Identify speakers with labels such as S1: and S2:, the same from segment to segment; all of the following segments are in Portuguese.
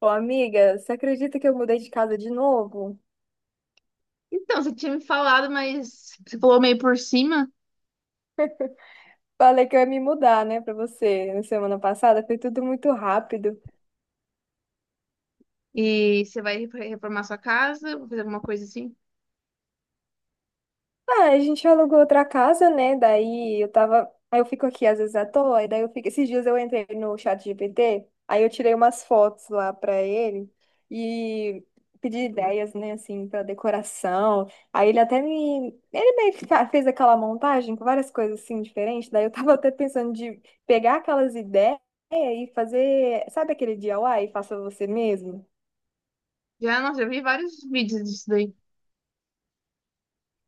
S1: Ô, amiga, você acredita que eu mudei de casa de novo?
S2: Então, você tinha me falado, mas você falou meio por cima
S1: Falei que eu ia me mudar, né, pra você na semana passada. Foi tudo muito rápido.
S2: e você vai reformar sua casa, vou fazer alguma coisa assim.
S1: Ah, a gente alugou outra casa, né? Daí eu tava. Aí eu fico aqui às vezes à toa, e daí eu fico. Esses dias eu entrei no chat GPT, aí eu tirei umas fotos lá pra ele e pedi ideias, né, assim, pra decoração. Aí ele até me. Ele meio que fez aquela montagem com várias coisas assim diferentes. Daí eu tava até pensando de pegar aquelas ideias e fazer. Sabe aquele DIY? Faça você mesmo?
S2: Já, nossa, já vi vários vídeos disso daí.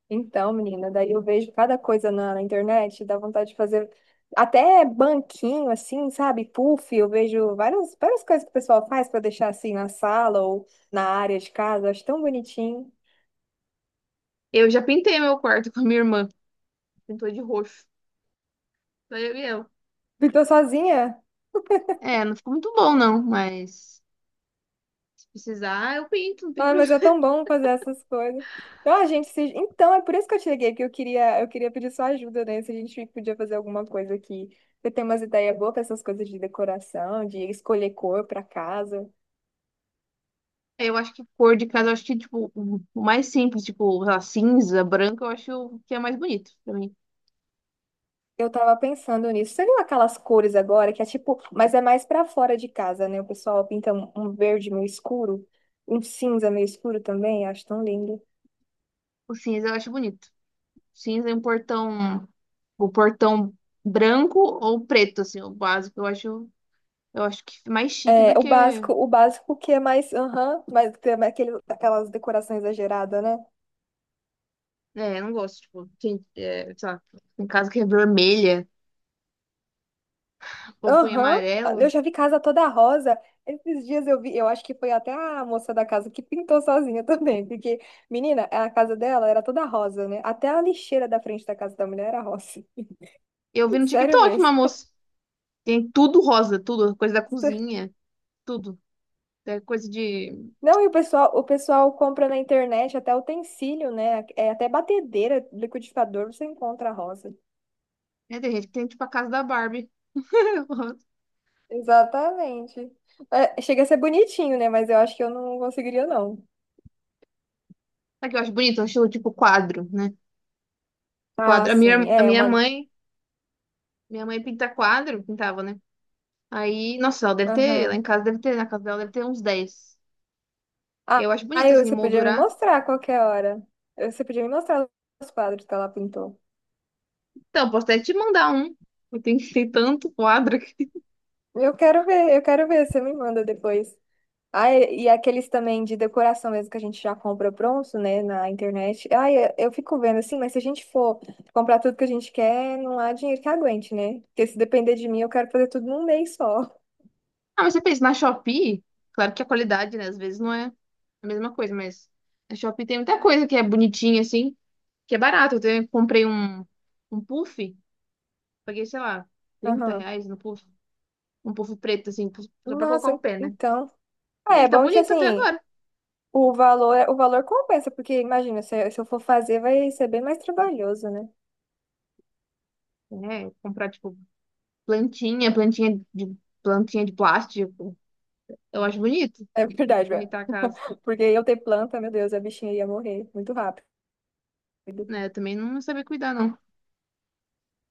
S1: Então, menina, daí eu vejo cada coisa na internet, dá vontade de fazer até banquinho, assim, sabe? Puff, eu vejo várias, várias coisas que o pessoal faz para deixar assim na sala ou na área de casa, acho tão bonitinho.
S2: Eu já pintei meu quarto com a minha irmã, pintou de roxo. Daí eu e eu
S1: E tô sozinha?
S2: É, não ficou muito bom não, mas se precisar eu pinto, não tem
S1: Ah, mas
S2: problema.
S1: é tão bom fazer essas coisas. Então, a gente se... Então, é por isso que eu te liguei, porque eu queria pedir sua ajuda, né? Se a gente podia fazer alguma coisa aqui. Você tem umas ideias boas para essas coisas de decoração, de escolher cor para casa.
S2: Eu acho que cor de casa, eu acho que tipo o mais simples, tipo, sei lá, cinza, branco, eu acho que é mais bonito pra mim.
S1: Eu tava pensando nisso. Você viu aquelas cores agora que é tipo, mas é mais pra fora de casa, né? O pessoal pinta um verde meio escuro, um cinza meio escuro também, acho tão lindo.
S2: O cinza eu acho bonito. Cinza e um portão, o portão branco ou preto, assim, o básico. Eu acho que mais chique do
S1: É,
S2: que.
S1: o básico que é mais, aham, mas que é mais aquele, aquelas decorações exageradas, né?
S2: É, eu não gosto, tipo, tem, é, sei lá, em casa que é vermelha, ou põe
S1: Aham, eu
S2: amarelo.
S1: já vi casa toda rosa. Esses dias eu vi, eu acho que foi até a moça da casa que pintou sozinha também, porque, menina, a casa dela era toda rosa, né? Até a lixeira da frente da casa da mulher era rosa.
S2: Eu vi no
S1: Sério
S2: TikTok uma
S1: mesmo.
S2: moça, tem tudo rosa, tudo, coisa da cozinha, tudo. É coisa de.
S1: Não, e o pessoal compra na internet até utensílio, né? É, até batedeira, liquidificador, você encontra a rosa.
S2: É, tem gente que tem, tipo, a casa da Barbie.
S1: Exatamente. É, chega a ser bonitinho, né? Mas eu acho que eu não conseguiria, não.
S2: Sabe o que eu acho bonito? Eu acho, tipo, quadro, né?
S1: Ah,
S2: Quadro. A minha,
S1: sim,
S2: a
S1: é
S2: minha
S1: uma.
S2: mãe, minha mãe pinta quadro, pintava, né? Aí, nossa, ela deve ter, lá em
S1: Aham.
S2: casa deve ter, na casa dela deve ter uns dez.
S1: Ah,
S2: Eu acho bonito,
S1: aí
S2: assim, de
S1: você podia me
S2: moldurar.
S1: mostrar a qualquer hora. Você podia me mostrar os quadros que ela pintou.
S2: Então, posso até te mandar um. Eu tenho tem tanto quadro aqui.
S1: Eu quero ver, você me manda depois. Ah, e aqueles também de decoração mesmo que a gente já compra pronto, né, na internet. Ah, eu fico vendo assim, mas se a gente for comprar tudo que a gente quer, não há dinheiro que aguente, né? Porque se depender de mim, eu quero fazer tudo num mês só.
S2: Ah, mas você pensa, na Shopee, claro que a qualidade, né, às vezes não é a mesma coisa, mas na Shopee tem muita coisa que é bonitinha, assim, que é barato. Comprei um, um puff, paguei, sei lá, trinta
S1: Aham.
S2: reais no puff. Um puff preto, assim, só pra colocar o
S1: Nossa,
S2: pé, né?
S1: então. Ah,
S2: E
S1: é
S2: ele tá
S1: bom que
S2: bonito até
S1: assim,
S2: agora.
S1: o valor compensa, porque imagina, se eu for fazer, vai ser bem mais trabalhoso, né?
S2: É, comprar, tipo, plantinha, plantinha de, plantinha de plástico. Eu acho bonito
S1: É verdade, velho.
S2: ajeitar a casa,
S1: Porque eu ter planta, meu Deus, a bichinha ia morrer muito rápido.
S2: né? Eu também não sabia cuidar, não.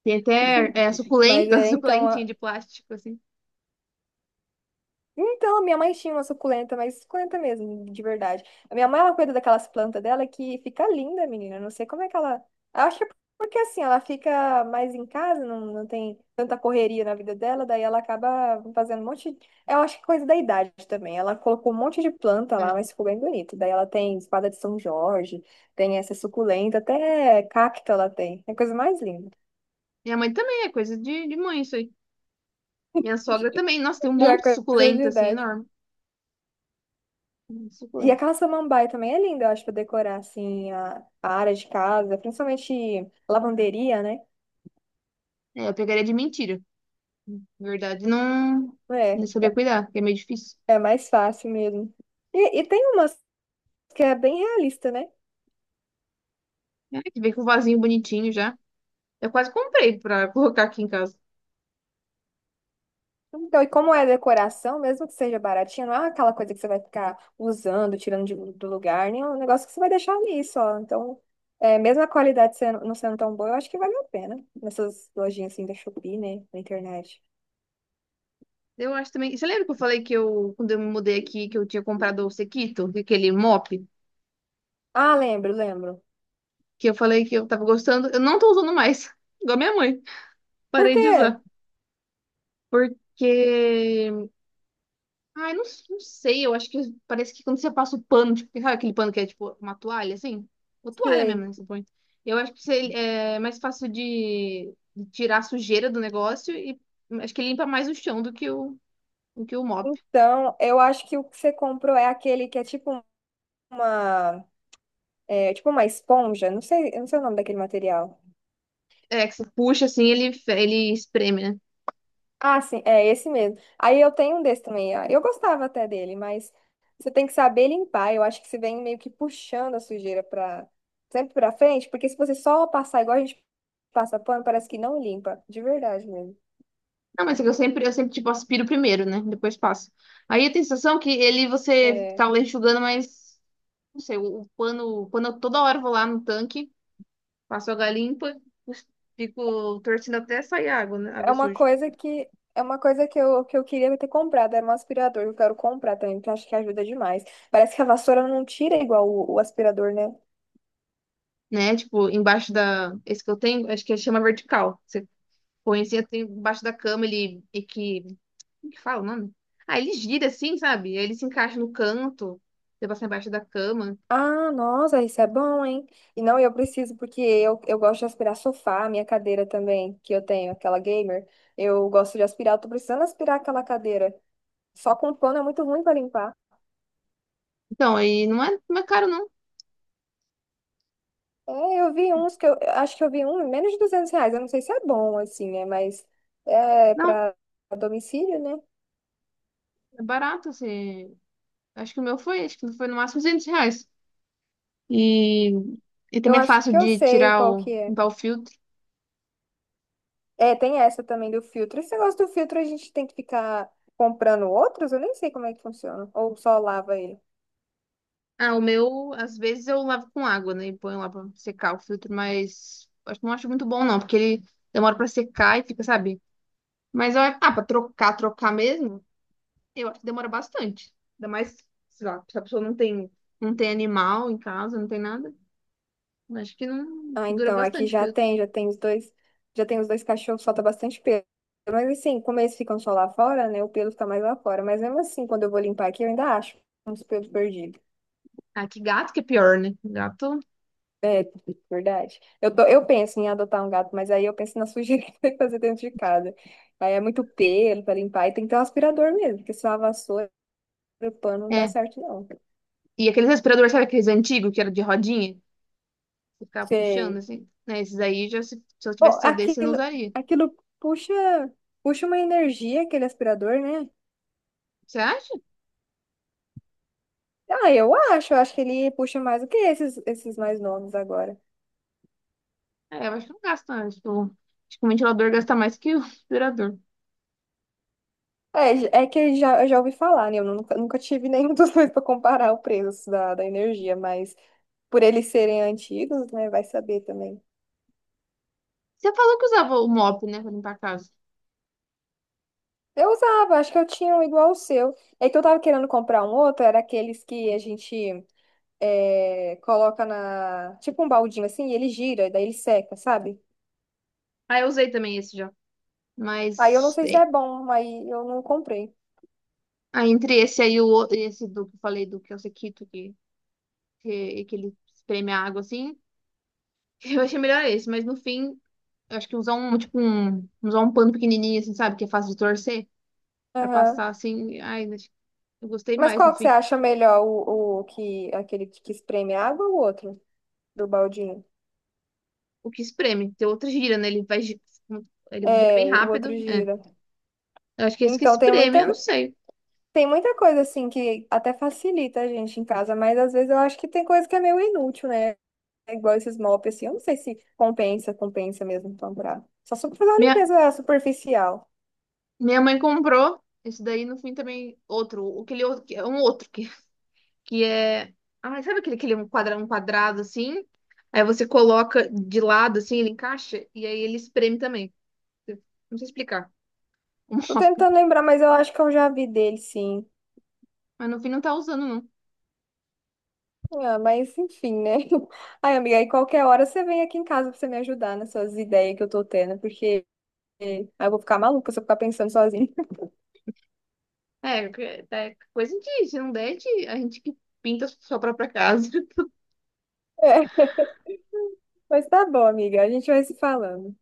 S2: Tem até é,
S1: Mas
S2: suculenta,
S1: é, então,
S2: suculentinha de plástico, assim.
S1: então, minha mãe tinha uma suculenta, mas suculenta mesmo, de verdade. A minha mãe, ela cuida daquelas plantas dela que fica linda, menina. Eu não sei como é que ela. Eu acho que é porque assim, ela fica mais em casa, não, não tem tanta correria na vida dela, daí ela acaba fazendo um monte. Eu acho que é coisa da idade também. Ela colocou um monte de planta lá,
S2: É.
S1: mas ficou bem bonito. Daí ela tem espada de São Jorge, tem essa suculenta, até cacto ela tem. É a coisa mais linda.
S2: Minha mãe também, é coisa de mãe isso aí. Minha sogra também. Nossa, tem um
S1: Já é
S2: monte de
S1: coisa de
S2: suculenta, assim,
S1: idade.
S2: enorme. Muito
S1: E
S2: suculenta.
S1: aquela samambaia também é linda, eu acho, pra decorar, assim, a área de casa, principalmente lavanderia, né?
S2: É, eu pegaria de mentira. Na verdade, não, não
S1: É,
S2: sabia cuidar, que é meio difícil.
S1: é mais fácil mesmo. E tem umas que é bem realista, né?
S2: É, que vem com o vasinho bonitinho já. Eu quase comprei pra colocar aqui em casa.
S1: Então, e como é decoração, mesmo que seja baratinha, não é aquela coisa que você vai ficar usando, tirando do lugar, nem é um negócio que você vai deixar ali só. Então, é, mesmo a qualidade sendo, não sendo tão boa, eu acho que vale a pena. Nessas lojinhas, assim, da Shopee, né? Na internet.
S2: Eu acho também. Você lembra que eu falei que eu, quando eu me mudei aqui, que eu tinha comprado o Sequito, aquele mop?
S1: Ah, lembro, lembro.
S2: Que eu falei que eu tava gostando. Eu não tô usando mais, igual minha mãe.
S1: Por
S2: Parei de
S1: quê?
S2: usar. Porque. Ai, não, não sei, eu acho que parece que quando você passa o pano, tipo, sabe aquele pano que é tipo uma toalha, assim? Uma toalha mesmo, né?
S1: Sei.
S2: Você põe. Eu acho que você- é mais fácil de tirar a sujeira do negócio e acho que ele limpa mais o chão do que o mop.
S1: Então, eu acho que o que você comprou é aquele que uma, é, tipo uma esponja. Não sei, eu não sei o nome daquele material.
S2: É, que você puxa assim, ele, ele espreme, né?
S1: Ah, sim, é esse mesmo. Aí eu tenho um desse também. Eu gostava até dele, mas você tem que saber limpar. Eu acho que você vem meio que puxando a sujeira para sempre para frente, porque se você só passar igual a gente passa pano, parece que não limpa, de verdade mesmo.
S2: Não, mas é que tipo, aspiro primeiro, né? Depois passo. Aí eu tenho a sensação que ele, você
S1: É.
S2: tá lá enxugando, mas não sei, o pano, quando eu toda hora vou lá no tanque, passo água limpa, cus- fico torcendo até sair água, né?
S1: É
S2: Água
S1: uma
S2: suja.
S1: coisa que é uma coisa que eu queria ter comprado, era um aspirador, eu quero comprar também, porque eu acho que ajuda demais. Parece que a vassoura não tira igual o aspirador, né?
S2: Né? Tipo, embaixo da. Esse que eu tenho, acho que chama vertical. Você põe assim, tem embaixo da cama, ele. E que. Como que fala o nome? Ah, ele gira assim, sabe? Aí ele se encaixa no canto, você passa embaixo da cama.
S1: Ah, nossa, isso é bom, hein? E não, eu preciso, porque eu gosto de aspirar sofá, minha cadeira também, que eu tenho, aquela gamer. Eu gosto de aspirar, eu tô precisando aspirar aquela cadeira. Só com pano é muito ruim pra limpar.
S2: Então, aí não é, não é caro, não.
S1: É, eu vi uns que eu acho que eu vi um, menos de R$ 200. Eu não sei se é bom, assim, né? Mas é
S2: Não,
S1: pra domicílio, né?
S2: é barato, assim. Acho que o meu foi, acho que foi no máximo R$ 200. E, e
S1: Eu
S2: também é
S1: acho
S2: fácil
S1: que eu
S2: de
S1: sei
S2: tirar
S1: qual
S2: o,
S1: que é.
S2: limpar o filtro.
S1: É, tem essa também do filtro. Esse negócio do filtro a gente tem que ficar comprando outros? Eu nem sei como é que funciona. Ou só lava ele.
S2: Ah, o meu, às vezes eu lavo com água, né? E ponho lá pra secar o filtro, mas acho, não acho muito bom, não, porque ele demora pra secar e fica, sabe? Mas olha, ah, pra trocar, trocar mesmo, eu acho que demora bastante. Ainda mais, sei lá, se a pessoa não tem, não tem animal em casa, não tem nada. Eu acho que não,
S1: Ah,
S2: que dura
S1: então, aqui
S2: bastante o filtro.
S1: já tem os dois cachorros, solta bastante pelo. Mas assim, como eles ficam só lá fora, né? O pelo fica mais lá fora. Mas mesmo assim, quando eu vou limpar aqui, eu ainda acho uns pelos perdidos.
S2: Ah, que gato que é pior, né? Gato.
S1: É, verdade. Eu penso em adotar um gato, mas aí eu penso na sujeira que vai fazer dentro de casa. Aí é muito pelo para limpar e tem que ter um aspirador mesmo, porque se lava a vassoura. O pano não dá
S2: É.
S1: certo, não.
S2: E aqueles respiradores, sabe aqueles antigos que era de rodinha? Você ficava puxando
S1: Sei.
S2: assim, né? Esses aí já, se eu
S1: Oh,
S2: tivesse só desse, eu não
S1: aquilo,
S2: usaria.
S1: aquilo puxa uma energia, aquele aspirador, né?
S2: Você acha?
S1: Ah, eu acho que ele puxa mais do que esses mais novos agora.
S2: É, eu acho que não gasta, né? Tipo, acho que o ventilador gasta mais que o aspirador.
S1: É, é que já, eu já ouvi falar, né? Eu nunca, nunca tive nenhum dos dois para comparar o preço da energia, mas por eles serem antigos, né? Vai saber também.
S2: Você falou que usava o mop, né, pra limpar a casa.
S1: Eu usava, acho que eu tinha um igual o seu. É que eu tava querendo comprar um outro, era aqueles que a gente coloca na, tipo um baldinho assim, e ele gira, e daí ele seca, sabe?
S2: Ah, eu usei também esse já.
S1: Aí eu não
S2: Mas,
S1: sei se
S2: é,
S1: é bom, aí eu não comprei.
S2: ah, entre esse aí e o outro, esse do que eu falei, do que é o sequito, que ele espreme a água assim, eu achei melhor esse. Mas no fim, eu acho que usar um, tipo, um, usar um pano pequenininho, assim, sabe, que é fácil de torcer, pra
S1: Aham.
S2: passar assim, ai, acho que eu gostei
S1: Mas
S2: mais no
S1: qual que você
S2: fim.
S1: acha melhor, o que, aquele que espreme água ou o outro, do baldinho?
S2: O que espreme, tem outra gira, né, ele vai, ele gira bem
S1: É, o outro
S2: rápido, é.
S1: gira.
S2: Eu acho que é esse que
S1: Então tem
S2: espreme,
S1: muita,
S2: eu não sei.
S1: tem muita coisa assim que até facilita a gente em casa, mas às vezes eu acho que tem coisa que é meio inútil, né? É igual esses mops, assim, eu não sei se compensa, compensa mesmo comprar. Só pra fazer uma
S2: Minha,
S1: limpeza superficial.
S2: Minha mãe comprou esse daí, no fim também outro, aquele outro, que é um outro que é, ai, sabe aquele que ele é um quadrado assim? Aí você coloca de lado assim, ele encaixa e aí ele espreme também. Eu não sei explicar. o
S1: Tô
S2: nome.
S1: tentando lembrar, mas eu acho que eu já vi dele, sim.
S2: Mas no fim não tá usando não.
S1: Ah, mas enfim, né? Ai, amiga, aí qualquer hora você vem aqui em casa pra você me ajudar nessas ideias que eu tô tendo, porque aí eu vou ficar maluca se eu ficar pensando sozinha.
S2: É, é coisa de, se não der, a gente que pinta a sua própria casa.
S1: É, mas tá bom, amiga. A gente vai se falando.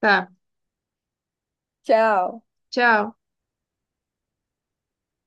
S2: Tá,
S1: Tchau.
S2: tchau.